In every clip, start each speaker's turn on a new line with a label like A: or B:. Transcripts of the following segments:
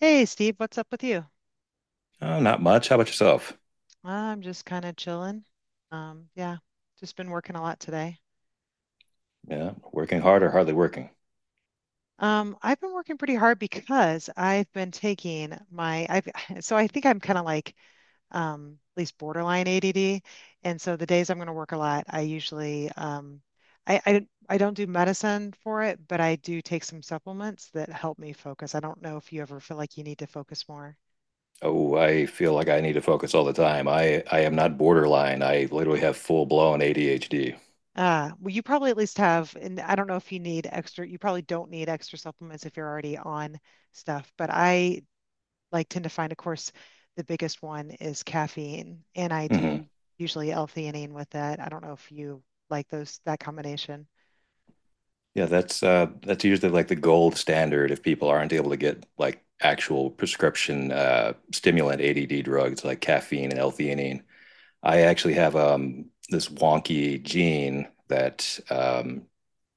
A: Hey Steve, what's up with you?
B: Oh, not much. How about yourself?
A: I'm just kind of chilling. Um, yeah, just been working a lot today.
B: Yeah, working hard or hardly working?
A: I've been working pretty hard because I've been taking my I've so I think I'm kind of like at least borderline ADD. And so the days I'm going to work a lot, I usually I don't do medicine for it, but I do take some supplements that help me focus. I don't know if you ever feel like you need to focus more.
B: Oh, I feel like I need to focus all the time. I am not borderline. I literally have full blown ADHD.
A: Well, you probably at least have, and I don't know if you need extra, you probably don't need extra supplements if you're already on stuff, but I like tend to find, of course, the biggest one is caffeine, and I
B: hmm
A: do usually L-theanine with that. I don't know if you like those, that combination.
B: Yeah, that's usually like the gold standard if people aren't able to get like actual prescription stimulant ADD drugs like caffeine and L-theanine. I actually have this wonky gene that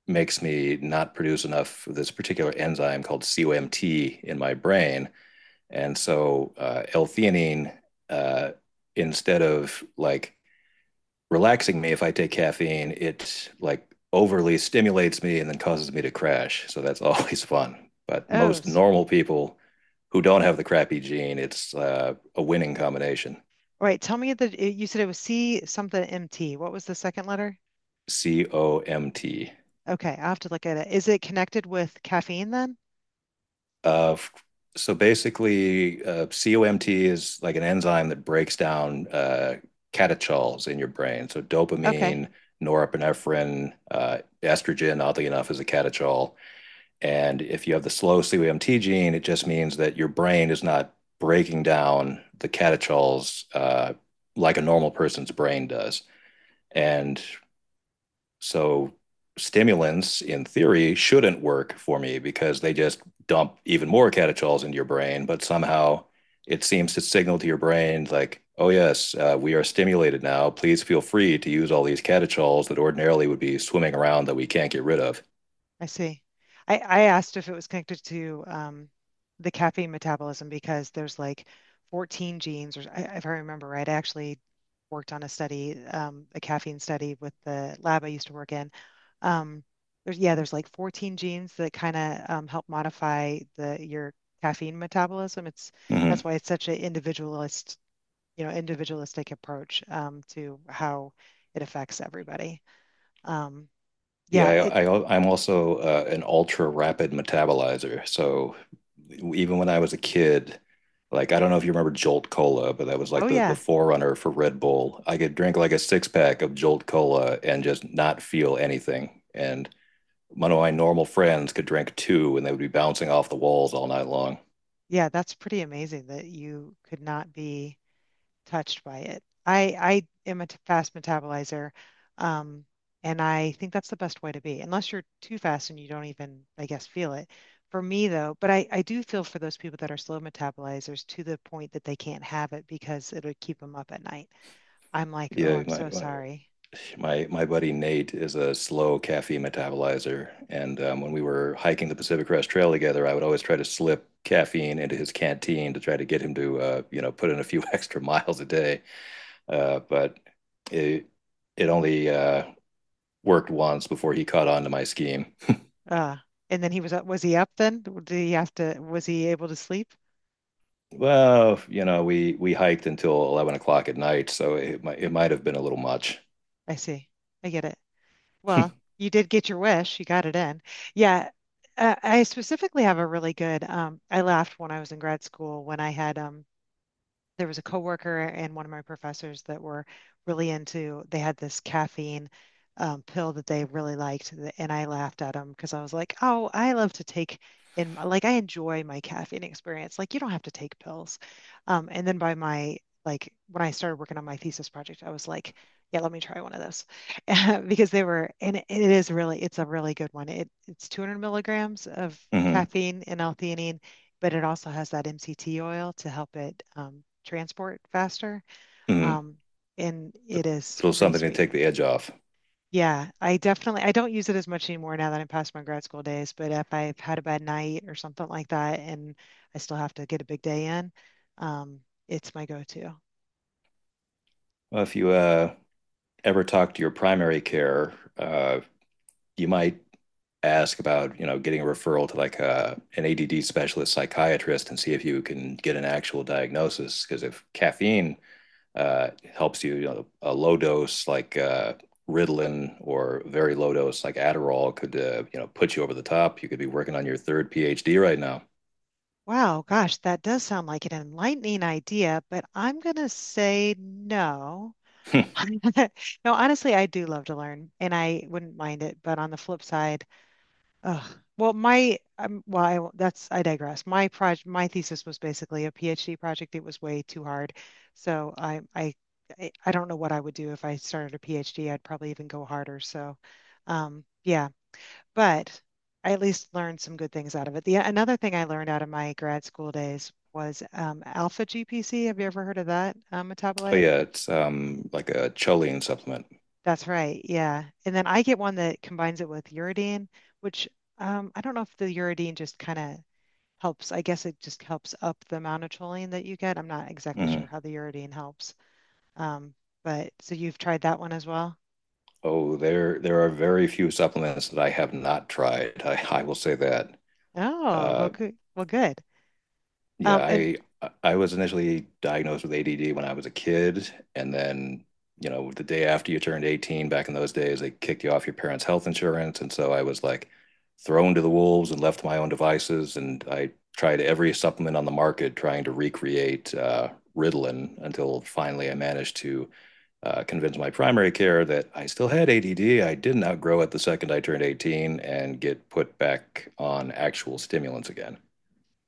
B: makes me not produce enough of this particular enzyme called COMT in my brain. And so L-theanine, uh, instead of like relaxing me if I take caffeine, it like overly stimulates me and then causes me to crash. So that's always fun. But
A: Oh,
B: most
A: s-
B: normal people who don't have the crappy gene, it's a winning combination.
A: all right. Tell me that you said it was C something MT. What was the second letter?
B: COMT.
A: Okay, I have to look at it. Is it connected with caffeine then?
B: Uh, So basically, COMT is like an enzyme that breaks down catechols in your brain. So
A: Okay.
B: dopamine, norepinephrine, estrogen, oddly enough, is a catechol. And if you have the slow COMT gene, it just means that your brain is not breaking down the catechols like a normal person's brain does. And so stimulants in theory shouldn't work for me because they just dump even more catechols into your brain, but somehow it seems to signal to your brain like, oh yes, we are stimulated now. Please feel free to use all these catechols that ordinarily would be swimming around that we can't get rid of.
A: I see. I asked if it was connected to the caffeine metabolism because there's like 14 genes, or if I remember right, I actually worked on a study, a caffeine study with the lab I used to work in. Um, yeah, there's like 14 genes that kind of help modify the your caffeine metabolism. It's that's
B: Mm-hmm.
A: why it's such an individualist, you know, individualistic approach to how it affects everybody. Um, yeah,
B: Yeah,
A: it,
B: I am also an ultra rapid metabolizer. So even when I was a kid, like I don't know if you remember Jolt Cola, but that was
A: oh
B: like the
A: yeah.
B: forerunner for Red Bull. I could drink like a six pack of Jolt Cola and just not feel anything. And one of my normal friends could drink two, and they would be bouncing off the walls all night long.
A: Yeah, that's pretty amazing that you could not be touched by it. I am a fast metabolizer, um, and I think that's the best way to be, unless you're too fast and you don't even, I guess, feel it. For me, though, but I do feel for those people that are slow metabolizers to the point that they can't have it because it would keep them up at night. I'm like, oh,
B: Yeah,
A: I'm
B: my
A: so
B: my
A: sorry.
B: my, my buddy Nate is a slow caffeine metabolizer, and when we were hiking the Pacific Crest Trail together, I would always try to slip caffeine into his canteen to try to get him to put in a few extra miles a day but it it only worked once before he caught on to my scheme.
A: Uh, and then he was up. Was he up then? Did he have to? Was he able to sleep?
B: Well, you know, we hiked until 11 o'clock at night, so it might have been a little much.
A: I see. I get it.
B: Mm-hmm,
A: Well, you did get your wish. You got it in. Yeah. I specifically have a really good, I laughed when I was in grad school when I had there was a coworker and one of my professors that were really into they had this caffeine pill that they really liked, and I laughed at them because I was like, oh, I love to take in, like, I enjoy my caffeine experience, like you don't have to take pills. And then by my, like, when I started working on my thesis project, I was like, yeah, let me try one of those. Because they were, and it is really, it's a really good one. It's 200 milligrams of caffeine and L-theanine, but it also has that MCT oil to help it transport faster.
B: mm-hmm.
A: Um, and
B: A
A: it is
B: little
A: pretty
B: something to
A: sweet.
B: take the edge off.
A: Yeah, I definitely, I don't use it as much anymore now that I'm past my grad school days, but if I've had a bad night or something like that and I still have to get a big day in, um, it's my go-to.
B: Well, if you ever talk to your primary care, you might ask about you know getting a referral to like an ADD specialist psychiatrist and see if you can get an actual diagnosis. Because if caffeine uh, helps you. You know, a low dose like Ritalin or very low dose like Adderall could you know put you over the top. You could be working on your third PhD right now.
A: Wow, gosh, that does sound like an enlightening idea, but I'm gonna say no.
B: Oh
A: No, honestly, I do love to learn and I wouldn't mind it, but on the flip side, ugh. Well, my well, I, won't- That's, I digress. My project, my thesis was basically a PhD project. It was way too hard, so I don't know what I would do if I started a PhD. I'd probably even go harder. Um, yeah, but I at least learned some good things out of it. The Another thing I learned out of my grad school days was alpha GPC. Have you ever heard of that metabolite?
B: yeah, it's like a choline supplement.
A: That's right. Yeah, and then I get one that combines it with uridine, which I don't know if the uridine just kind of helps, I guess it just helps up the amount of choline that you get. I'm not exactly sure
B: Mm-hmm.
A: how the uridine helps. Um, but so you've tried that one as well?
B: Oh, there are very few supplements that I have not tried. I will say that.
A: Oh, well,
B: Uh,
A: good. Well, good.
B: Yeah,
A: And
B: I I was initially diagnosed with ADD when I was a kid, and then, you know, the day after you turned 18, back in those days, they kicked you off your parents' health insurance, and so I was like thrown to the wolves and left to my own devices, and I tried every supplement on the market trying to recreate Ritalin until finally I managed to convince my primary care that I still had ADD. I didn't outgrow it the second I turned 18 and get put back on actual stimulants again.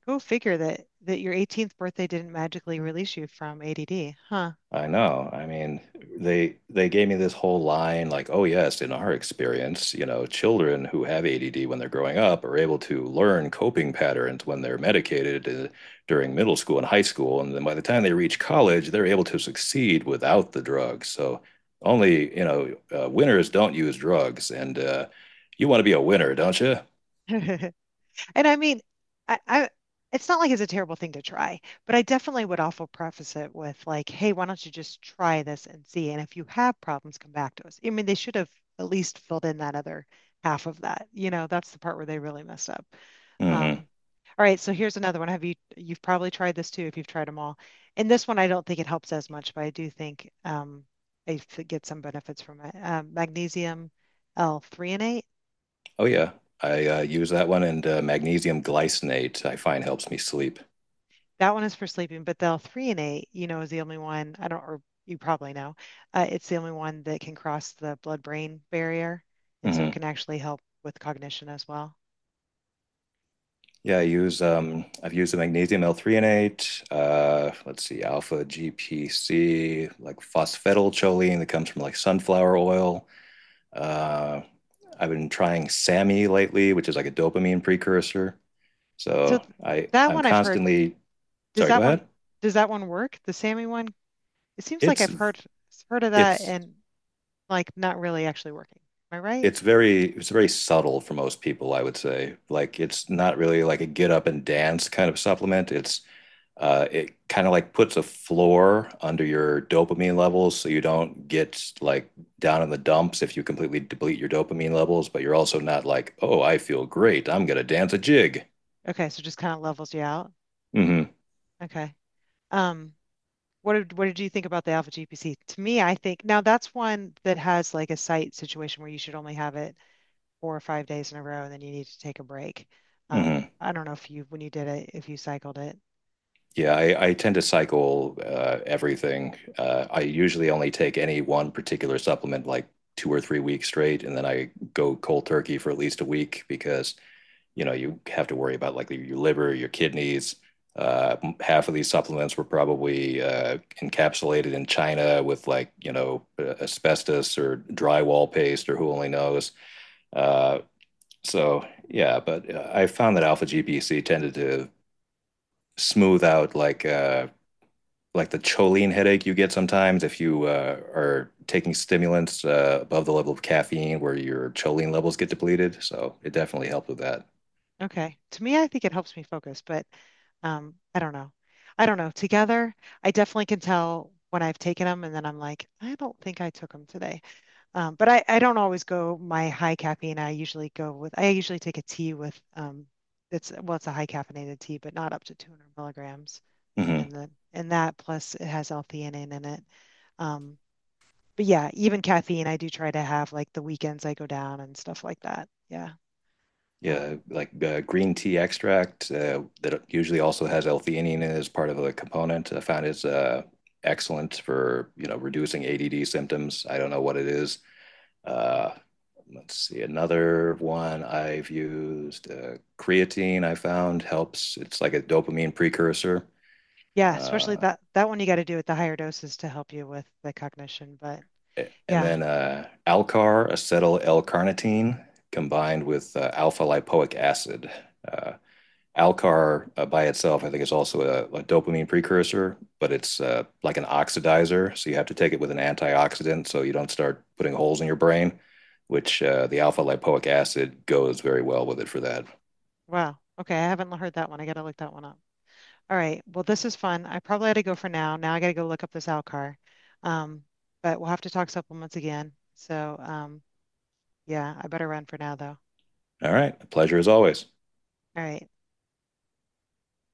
A: Go figure that that your 18th birthday didn't magically release you from ADD, huh?
B: I know. I mean, they gave me this whole line like, "Oh yes, in our experience, you know, children who have ADD when they're growing up are able to learn coping patterns when they're medicated during middle school and high school, and then by the time they reach college, they're able to succeed without the drugs. So, only, you know, winners don't use drugs, and you want to be a winner, don't you?
A: And I mean, I it's not like it's a terrible thing to try, but I definitely would also preface it with like, hey, why don't you just try this and see? And if you have problems, come back to us. I mean, they should have at least filled in that other half of that. You know, that's the part where they really messed up.
B: hmm
A: Um, all right, so here's another one. Have you've probably tried this too if you've tried them all. And this one I don't think it helps as much, but I do think get some benefits from it. Magnesium L3 and 8.
B: Oh yeah, I use that one and magnesium glycinate I find helps me sleep.
A: That one is for sleeping, but the three and eight, you know, is the only one I don't, or you probably know, it's the only one that can cross the blood-brain barrier, and so it
B: hmm
A: can actually help with cognition as well.
B: Yeah, I use I've used the magnesium L-threonate. Let's see, alpha GPC, like phosphatidylcholine that comes from like sunflower oil. Uh, I've been trying SAMe lately, which is like a dopamine precursor.
A: So
B: So
A: th-
B: I
A: that
B: I'm
A: one I've heard.
B: constantly
A: Does
B: sorry. Go
A: that one
B: ahead.
A: does that one work? The SAMI one? It seems like
B: It's
A: I've heard of that
B: it's
A: and like not really actually working. Am I right?
B: it's very subtle for most people, I would say. Like it's not really like a get up and dance kind of supplement. It's it kind of like puts a floor under your dopamine levels so you don't get like down in the dumps if you completely deplete your dopamine levels, but you're also not like, oh, I feel great. I'm gonna dance a jig.
A: Okay, so just kind of levels you out.
B: hmm
A: Okay. Um, what did you think about the Alpha GPC? To me, I think now that's one that has like a site situation where you should only have it 4 or 5 days in a row and then you need to take a break.
B: hmm
A: I don't know if you, when you did it, if you cycled it.
B: Yeah, I tend to cycle everything. I usually only take any one particular supplement like 2 or 3 weeks straight, and then I go cold turkey for at least a week because you know you have to worry about like your liver, your kidneys. Half of these supplements were probably encapsulated in China with like you know asbestos or drywall paste or who only knows. Uh, so yeah, but I found that alpha GPC tended to smooth out like. Like the choline headache you get sometimes if you are taking stimulants above the level of caffeine where your choline levels get depleted. So it definitely helped with that.
A: Okay. To me, I think it helps me focus, but I don't know. I don't know. Together, I definitely can tell when I've taken them and then I'm like, I don't think I took them today. But I don't always go my high caffeine. I usually go with, I usually take a tea with, well, it's a high caffeinated tea, but not up to 200 milligrams.
B: hmm
A: And that plus it has L-theanine in it. Um, but yeah, even caffeine, I do try to have like the weekends I go down and stuff like that. Yeah.
B: Yeah,
A: Um,
B: like green tea extract that usually also has L-theanine as part of a component. I found it's excellent for, you know, reducing ADD symptoms. I don't know what it is. Uh, let's see, another one I've used, creatine I found helps. It's like a dopamine precursor.
A: yeah, especially
B: Uh,
A: that one you got to do at the higher doses to help you with the cognition. But
B: and
A: yeah,
B: then Alcar, acetyl L-carnitine, combined with alpha lipoic acid. Uh, Alcar by itself, I think, is also a dopamine precursor, but it's like an oxidizer. So you have to take it with an antioxidant so you don't start putting holes in your brain, which the alpha lipoic acid goes very well with it for that.
A: wow. Okay, I haven't heard that one. I got to look that one up. All right. Well, this is fun. I probably had to go for now. Now I got to go look up this Alcar. Um, but we'll have to talk supplements again. Yeah, I better run for now though.
B: All right. A pleasure as always.
A: All right.